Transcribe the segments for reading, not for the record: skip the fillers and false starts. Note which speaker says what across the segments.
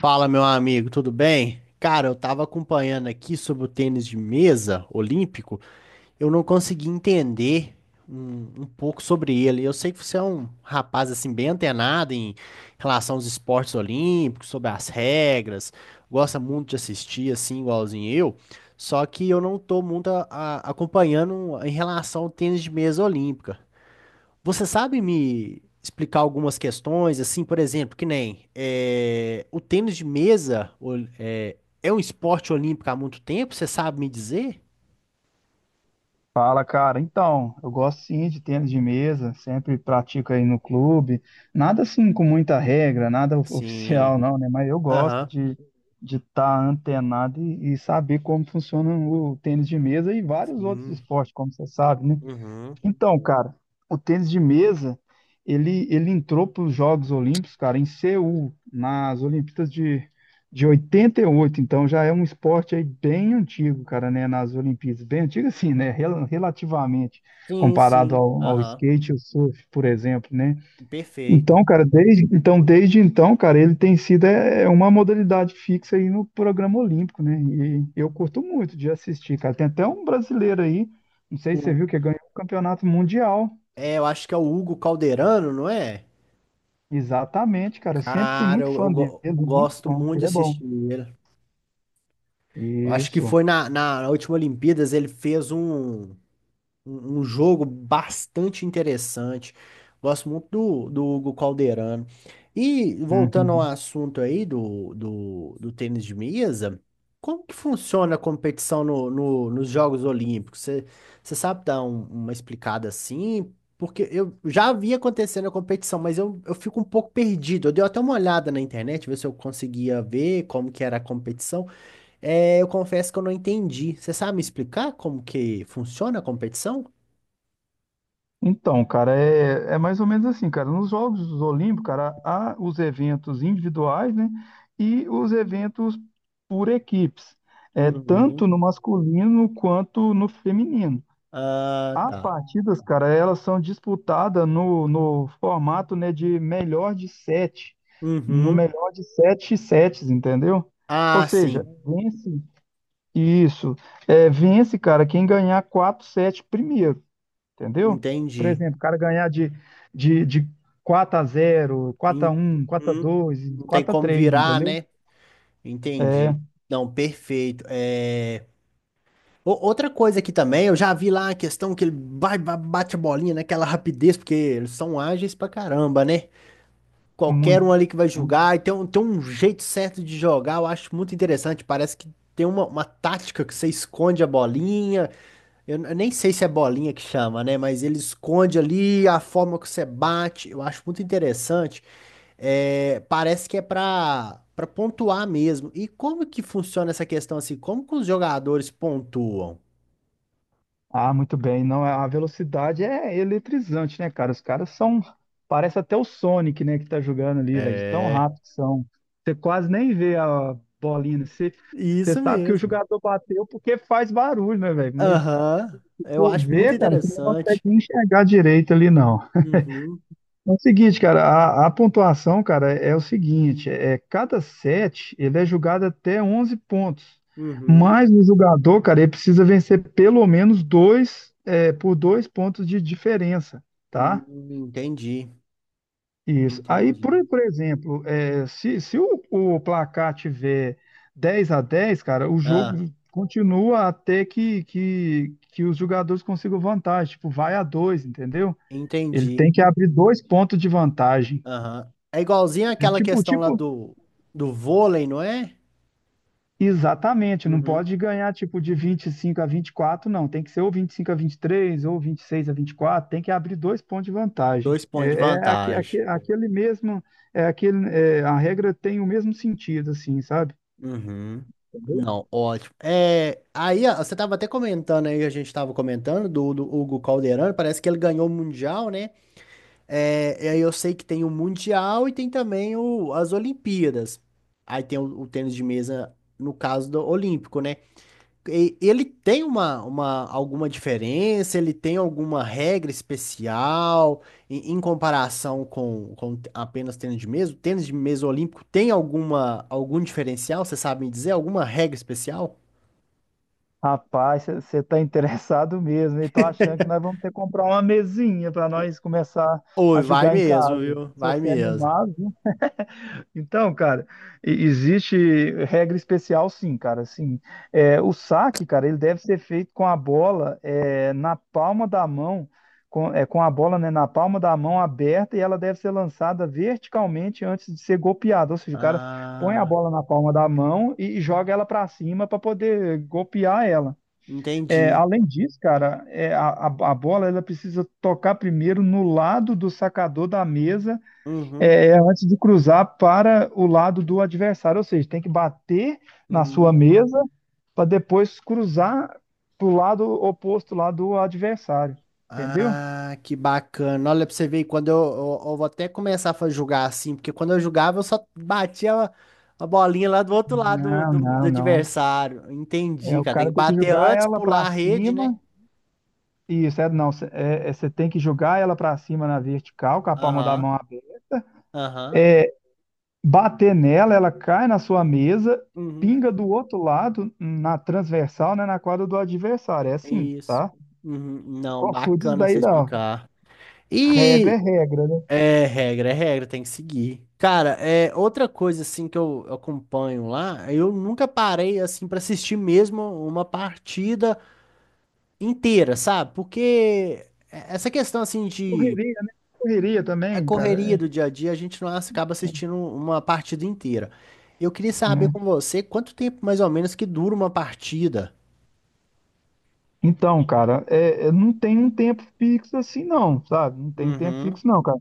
Speaker 1: Fala, meu amigo, tudo bem? Cara, eu tava acompanhando aqui sobre o tênis de mesa olímpico, eu não consegui entender um pouco sobre ele. Eu sei que você é um rapaz assim bem antenado em relação aos esportes olímpicos, sobre as regras, gosta muito de assistir assim, igualzinho eu. Só que eu não tô muito acompanhando em relação ao tênis de mesa olímpica. Você sabe me explicar algumas questões, assim, por exemplo, que nem o tênis de mesa um esporte olímpico há muito tempo? Você sabe me dizer?
Speaker 2: Fala, cara. Então, eu gosto sim de tênis de mesa, sempre pratico aí no clube. Nada assim com muita regra, nada of-
Speaker 1: Sim.
Speaker 2: oficial não, né? Mas eu gosto
Speaker 1: Aham.
Speaker 2: de estar antenado e saber como funciona o tênis de mesa e vários outros
Speaker 1: Sim.
Speaker 2: esportes, como você sabe, né?
Speaker 1: Uhum.
Speaker 2: Então, cara, o tênis de mesa, ele entrou para os Jogos Olímpicos, cara, em Seul, nas Olimpíadas de 88. Então já é um esporte aí bem antigo, cara, né? Nas Olimpíadas. Bem antigo, assim, né? Relativamente,
Speaker 1: Sim,
Speaker 2: comparado
Speaker 1: sim.
Speaker 2: ao
Speaker 1: Aham.
Speaker 2: skate e ao surf, por exemplo, né?
Speaker 1: Perfeito.
Speaker 2: Então, cara, desde então, cara, ele tem sido é uma modalidade fixa aí no programa olímpico, né? E eu curto muito de assistir, cara. Tem até um brasileiro aí, não sei se você
Speaker 1: O,
Speaker 2: viu, que ganhou o campeonato mundial.
Speaker 1: eu acho que é o Hugo Calderano, não é?
Speaker 2: Exatamente, cara. Eu sempre fui
Speaker 1: Cara,
Speaker 2: muito fã dele,
Speaker 1: eu
Speaker 2: muito
Speaker 1: gosto
Speaker 2: bom.
Speaker 1: muito
Speaker 2: Ele
Speaker 1: de
Speaker 2: é bom.
Speaker 1: assistir ele. Eu acho que
Speaker 2: Isso.
Speaker 1: foi na última Olimpíadas, ele fez um jogo bastante interessante. Gosto muito do Hugo Calderano. E voltando ao
Speaker 2: Uhum.
Speaker 1: assunto aí do tênis de mesa, como que funciona a competição nos Jogos Olímpicos? Você sabe dar uma explicada assim? Porque eu já vi acontecendo a competição, mas eu fico um pouco perdido. Eu dei até uma olhada na internet, ver se eu conseguia ver como que era a competição. É, eu confesso que eu não entendi. Você sabe me explicar como que funciona a competição?
Speaker 2: Então, cara, é mais ou menos assim, cara. Nos Jogos Olímpicos, cara, há os eventos individuais, né? E os eventos por equipes. É
Speaker 1: Uhum.
Speaker 2: tanto no masculino quanto no feminino.
Speaker 1: Ah,
Speaker 2: As
Speaker 1: tá.
Speaker 2: partidas, cara, elas são disputadas no formato, né, de melhor de sete. No
Speaker 1: Uhum.
Speaker 2: melhor de sete sets, entendeu? Ou
Speaker 1: Ah,
Speaker 2: seja,
Speaker 1: sim.
Speaker 2: vence isso. Vence, cara, quem ganhar quatro sets primeiro. Entendeu? Por
Speaker 1: Entendi.
Speaker 2: exemplo, o cara ganhar de 4 a zero, quatro a
Speaker 1: En-
Speaker 2: um, 4 a
Speaker 1: Uhum.
Speaker 2: 2,
Speaker 1: Não tem
Speaker 2: 4 a
Speaker 1: como
Speaker 2: 3,
Speaker 1: virar,
Speaker 2: entendeu?
Speaker 1: né?
Speaker 2: É
Speaker 1: Entendi. Não, perfeito. Outra coisa aqui também, eu já vi lá a questão que ele bate a bolinha naquela rapidez, porque eles são ágeis pra caramba, né? Qualquer um
Speaker 2: muito.
Speaker 1: ali que vai
Speaker 2: Muito.
Speaker 1: jogar, e tem um jeito certo de jogar, eu acho muito interessante. Parece que tem uma tática que você esconde a bolinha. Eu nem sei se é bolinha que chama, né? Mas ele esconde ali a forma que você bate. Eu acho muito interessante. É, parece que é pra pontuar mesmo. E como que funciona essa questão assim? Como que os jogadores pontuam?
Speaker 2: Ah, muito bem. Não, a velocidade é eletrizante, né, cara? Os caras são. Parece até o Sonic, né, que tá jogando ali, velho, de tão
Speaker 1: É.
Speaker 2: rápido que são. Você quase nem vê a bolinha, né? Você
Speaker 1: Isso
Speaker 2: sabe que o
Speaker 1: mesmo.
Speaker 2: jogador bateu porque faz barulho, né, velho? Mas
Speaker 1: Aham. Eu
Speaker 2: por
Speaker 1: acho muito
Speaker 2: ver, cara, você não consegue
Speaker 1: interessante.
Speaker 2: enxergar direito ali, não.
Speaker 1: Uhum.
Speaker 2: É o seguinte, cara, a pontuação, cara, é o seguinte, é cada set ele é julgado até 11 pontos,
Speaker 1: Uhum.
Speaker 2: mas o jogador, cara, ele precisa vencer pelo menos dois, por dois pontos de diferença, tá?
Speaker 1: Entendi.
Speaker 2: Isso. Aí,
Speaker 1: Entendi.
Speaker 2: por exemplo, se o, o placar tiver 10 a 10, cara, o
Speaker 1: Ah,
Speaker 2: jogo continua até que os jogadores consigam vantagem, tipo, vai a dois, entendeu? Ele
Speaker 1: entendi.
Speaker 2: tem que abrir dois pontos de vantagem.
Speaker 1: Aham. É igualzinho
Speaker 2: É
Speaker 1: aquela
Speaker 2: tipo,
Speaker 1: questão lá
Speaker 2: tipo,
Speaker 1: do vôlei, não é?
Speaker 2: exatamente, não
Speaker 1: Uhum.
Speaker 2: pode ganhar tipo de 25 a 24, não. Tem que ser ou 25 a 23 ou 26 a 24. Tem que abrir dois pontos de vantagem.
Speaker 1: Dois pontos
Speaker 2: É,
Speaker 1: de
Speaker 2: é aque-
Speaker 1: vantagem.
Speaker 2: aque- aquele mesmo, é aquele, é, a regra tem o mesmo sentido, assim, sabe?
Speaker 1: Uhum.
Speaker 2: Entendeu?
Speaker 1: Não, ótimo. É, aí ó, você estava até comentando aí, a gente estava comentando do Hugo Calderano, parece que ele ganhou o Mundial, né? É, e aí eu sei que tem o Mundial e tem também as Olimpíadas. Aí tem o tênis de mesa, no caso do Olímpico, né? Ele tem uma alguma diferença? Ele tem alguma regra especial em comparação com apenas tênis de mesa? O tênis de mesa olímpico tem alguma algum diferencial? Você sabe me dizer alguma regra especial?
Speaker 2: Rapaz, você tá interessado mesmo, e tô achando que nós vamos ter que comprar uma mesinha para nós começar
Speaker 1: Oi,
Speaker 2: a
Speaker 1: vai
Speaker 2: jogar em
Speaker 1: mesmo,
Speaker 2: casa.
Speaker 1: viu?
Speaker 2: Se
Speaker 1: Vai
Speaker 2: você é
Speaker 1: mesmo.
Speaker 2: animado. Então, cara, existe regra especial, sim, cara. Assim, é, o saque, cara, ele deve ser feito com a bola na palma da mão, com a bola, né, na palma da mão aberta e ela deve ser lançada verticalmente antes de ser golpeada. Ou seja, o cara põe a
Speaker 1: Ah,
Speaker 2: bola na palma da mão e joga ela para cima para poder golpear ela. É,
Speaker 1: entendi.
Speaker 2: além disso, cara, é, a a bola ela precisa tocar primeiro no lado do sacador da mesa
Speaker 1: Uhum.
Speaker 2: antes de cruzar para o lado do adversário, ou seja, tem que bater na sua
Speaker 1: Hum.
Speaker 2: mesa para depois cruzar para o lado oposto lá do adversário, entendeu?
Speaker 1: Ah, que bacana. Olha pra você ver, quando eu vou até começar a jogar assim, porque quando eu jogava eu só batia a bolinha lá do outro lado
Speaker 2: Não,
Speaker 1: do
Speaker 2: não, não.
Speaker 1: adversário. Entendi,
Speaker 2: É, o
Speaker 1: cara. Tem que
Speaker 2: cara tem que
Speaker 1: bater
Speaker 2: jogar
Speaker 1: antes,
Speaker 2: ela para
Speaker 1: pular a rede, né?
Speaker 2: cima. Isso, é, não, cê- é, é, você tem que jogar ela para cima na vertical, com a palma da
Speaker 1: Aham,
Speaker 2: mão aberta,
Speaker 1: aham.
Speaker 2: bater nela, ela cai na sua mesa,
Speaker 1: Uhum,
Speaker 2: pinga do outro lado, na transversal, né, na quadra do adversário. É assim,
Speaker 1: isso.
Speaker 2: tá? Não
Speaker 1: Uhum, não,
Speaker 2: confunde isso
Speaker 1: bacana
Speaker 2: daí,
Speaker 1: você
Speaker 2: não.
Speaker 1: explicar.
Speaker 2: Regra
Speaker 1: E
Speaker 2: é regra, né?
Speaker 1: é regra, tem que seguir. Cara, é outra coisa assim que eu acompanho lá, eu nunca parei assim pra assistir mesmo uma partida inteira, sabe? Porque é, essa questão assim de
Speaker 2: Correria, né? Correria
Speaker 1: a
Speaker 2: também, cara.
Speaker 1: correria do
Speaker 2: É,
Speaker 1: dia a dia, a gente não acaba assistindo uma partida inteira. Eu queria saber
Speaker 2: né?
Speaker 1: com você quanto tempo mais ou menos que dura uma partida.
Speaker 2: Então, cara, não tem um tempo fixo assim, não, sabe? Não tem tempo
Speaker 1: Uhum.
Speaker 2: fixo, não, cara.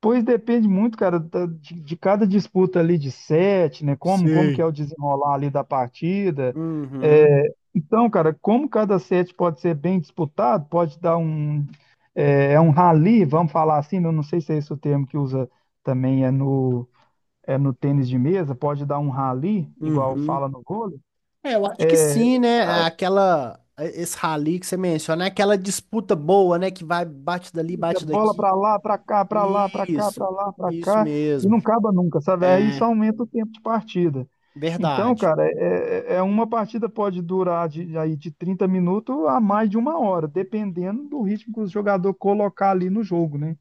Speaker 2: Pois depende muito, cara, de cada disputa ali de sete, né? Como que é
Speaker 1: Sei.
Speaker 2: o desenrolar ali da partida. É,
Speaker 1: Uhum,
Speaker 2: então, cara, como cada set pode ser bem disputado, pode dar um, é um rally, vamos falar assim, né? Eu não sei se é esse o termo que usa também, no tênis de mesa, pode dar um rally, igual
Speaker 1: uhum.
Speaker 2: fala no vôlei,
Speaker 1: É, eu acho que
Speaker 2: é,
Speaker 1: sim, né? É
Speaker 2: ah,
Speaker 1: aquela, é, esse rally que você menciona, é aquela disputa boa, né? Que vai, bate dali,
Speaker 2: isso é
Speaker 1: bate
Speaker 2: bola
Speaker 1: daqui.
Speaker 2: para lá, para cá, para lá, para cá, para
Speaker 1: Isso,
Speaker 2: lá, para
Speaker 1: isso
Speaker 2: cá, e
Speaker 1: mesmo.
Speaker 2: não acaba nunca, sabe? Aí isso
Speaker 1: É
Speaker 2: aumenta o tempo de partida. Então,
Speaker 1: verdade.
Speaker 2: cara, é uma partida pode durar de, aí de 30 minutos a mais de uma hora, dependendo do ritmo que o jogador colocar ali no jogo, né?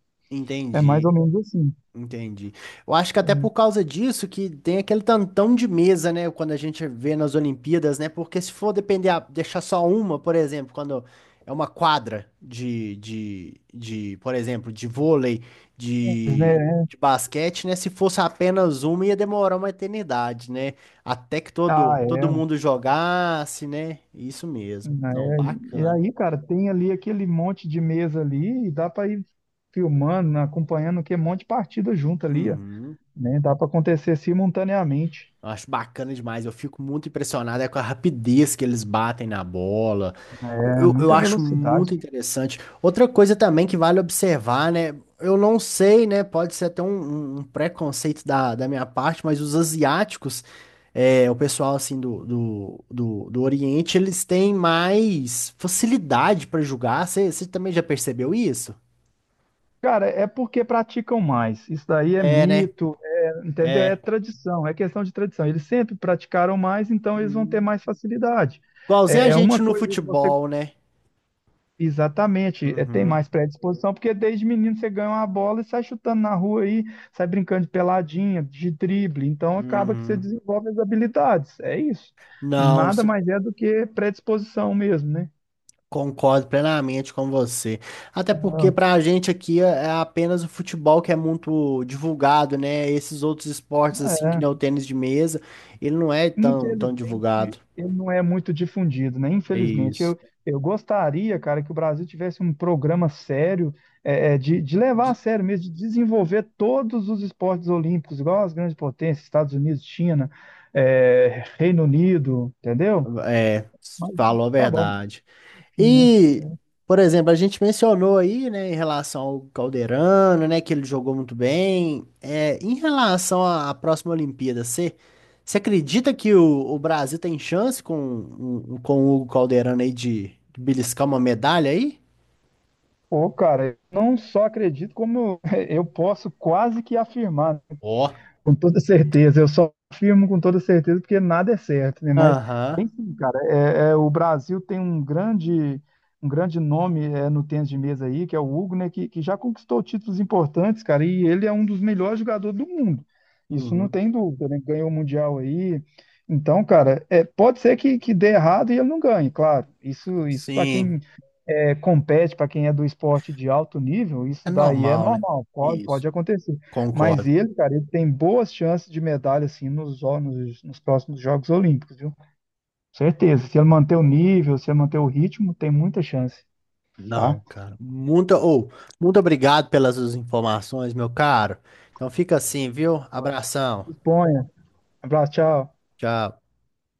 Speaker 2: É mais
Speaker 1: Entendi.
Speaker 2: ou menos assim.
Speaker 1: Entendi. Eu acho que até por
Speaker 2: É.
Speaker 1: causa disso que tem aquele tantão de mesa, né? Quando a gente vê nas Olimpíadas, né? Porque se for depender, deixar só uma, por exemplo, quando é uma quadra por exemplo, de vôlei, de, de basquete, né? Se fosse apenas uma, ia demorar uma eternidade, né? Até que
Speaker 2: Ah,
Speaker 1: todo
Speaker 2: é.
Speaker 1: mundo jogasse, né? Isso mesmo.
Speaker 2: Ah,
Speaker 1: Não,
Speaker 2: é aí. E
Speaker 1: bacana.
Speaker 2: aí, cara, tem ali aquele monte de mesa ali e dá para ir filmando, acompanhando que é um monte de partida junto ali, ó,
Speaker 1: Uhum.
Speaker 2: né? Dá para acontecer simultaneamente.
Speaker 1: Eu acho bacana demais. Eu fico muito impressionado é com a rapidez que eles batem na bola.
Speaker 2: É
Speaker 1: Eu
Speaker 2: muita
Speaker 1: acho
Speaker 2: velocidade.
Speaker 1: muito interessante. Outra coisa também que vale observar, né? Eu não sei, né? Pode ser até um preconceito da minha parte, mas os asiáticos, é, o pessoal assim do Oriente, eles têm mais facilidade para julgar. Você também já percebeu isso?
Speaker 2: Cara, é porque praticam mais. Isso daí é
Speaker 1: É, né?
Speaker 2: mito, é, entendeu? É
Speaker 1: É.
Speaker 2: tradição, é questão de tradição. Eles sempre praticaram mais, então eles vão ter
Speaker 1: Hum.
Speaker 2: mais facilidade.
Speaker 1: Igualzinho
Speaker 2: É,
Speaker 1: a
Speaker 2: é uma
Speaker 1: gente no
Speaker 2: coisa que você
Speaker 1: futebol, né?
Speaker 2: exatamente, é, tem
Speaker 1: Uhum.
Speaker 2: mais predisposição, porque desde menino você ganha uma bola e sai chutando na rua aí, sai brincando de peladinha, de drible, então acaba que você
Speaker 1: Uhum.
Speaker 2: desenvolve as habilidades, é isso.
Speaker 1: Não,
Speaker 2: Nada mais é do que predisposição mesmo, né?
Speaker 1: concordo plenamente com você. Até porque
Speaker 2: Ah,
Speaker 1: para a gente aqui é é apenas o futebol que é muito divulgado, né? Esses outros esportes, assim, que nem o
Speaker 2: é.
Speaker 1: tênis de mesa, ele não é tão, tão divulgado.
Speaker 2: Infelizmente, ele não é muito difundido, né?
Speaker 1: É
Speaker 2: Infelizmente,
Speaker 1: isso.
Speaker 2: eu gostaria, cara, que o Brasil tivesse um programa sério, de levar a
Speaker 1: De-
Speaker 2: sério mesmo, de desenvolver todos os esportes olímpicos, igual as grandes potências, Estados Unidos, China, é, Reino Unido, entendeu?
Speaker 1: É,
Speaker 2: Mas
Speaker 1: falou a
Speaker 2: tá bom,
Speaker 1: verdade.
Speaker 2: enfim, né?
Speaker 1: E, por exemplo, a gente mencionou aí, né, em relação ao Calderano, né, que ele jogou muito bem. É, em relação à próxima Olimpíada, você acredita que o Brasil tem chance com, com o Hugo Calderano aí de beliscar uma medalha aí?
Speaker 2: Pô, cara, eu não só acredito, como eu eu posso quase que afirmar, né?
Speaker 1: Ó,
Speaker 2: Com toda certeza. Eu só afirmo com toda certeza porque nada é certo, né? Mas
Speaker 1: aham.
Speaker 2: cara, o Brasil tem um grande nome é, no tênis de mesa aí, que é o Hugo, né, que já conquistou títulos importantes, cara, e ele é um dos melhores jogadores do mundo. Isso não
Speaker 1: Uhum.
Speaker 2: tem dúvida, né? Ganhou o Mundial aí. Então, cara, é, pode ser que dê errado e ele não ganhe, claro. Isso para quem
Speaker 1: Sim,
Speaker 2: é, compete, para quem é do esporte de alto nível,
Speaker 1: é
Speaker 2: isso daí é
Speaker 1: normal, né?
Speaker 2: normal,
Speaker 1: Isso.
Speaker 2: pode acontecer. Mas
Speaker 1: Concordo.
Speaker 2: ele, cara, ele tem boas chances de medalha, assim, nos próximos Jogos Olímpicos, viu? Certeza. Se ele manter o nível, se ele manter o ritmo, tem muita chance, tá?
Speaker 1: Não, cara. Muito obrigado pelas suas informações, meu caro. Então fica assim, viu? Abração.
Speaker 2: Disponha. Abraço, tchau.
Speaker 1: Tchau.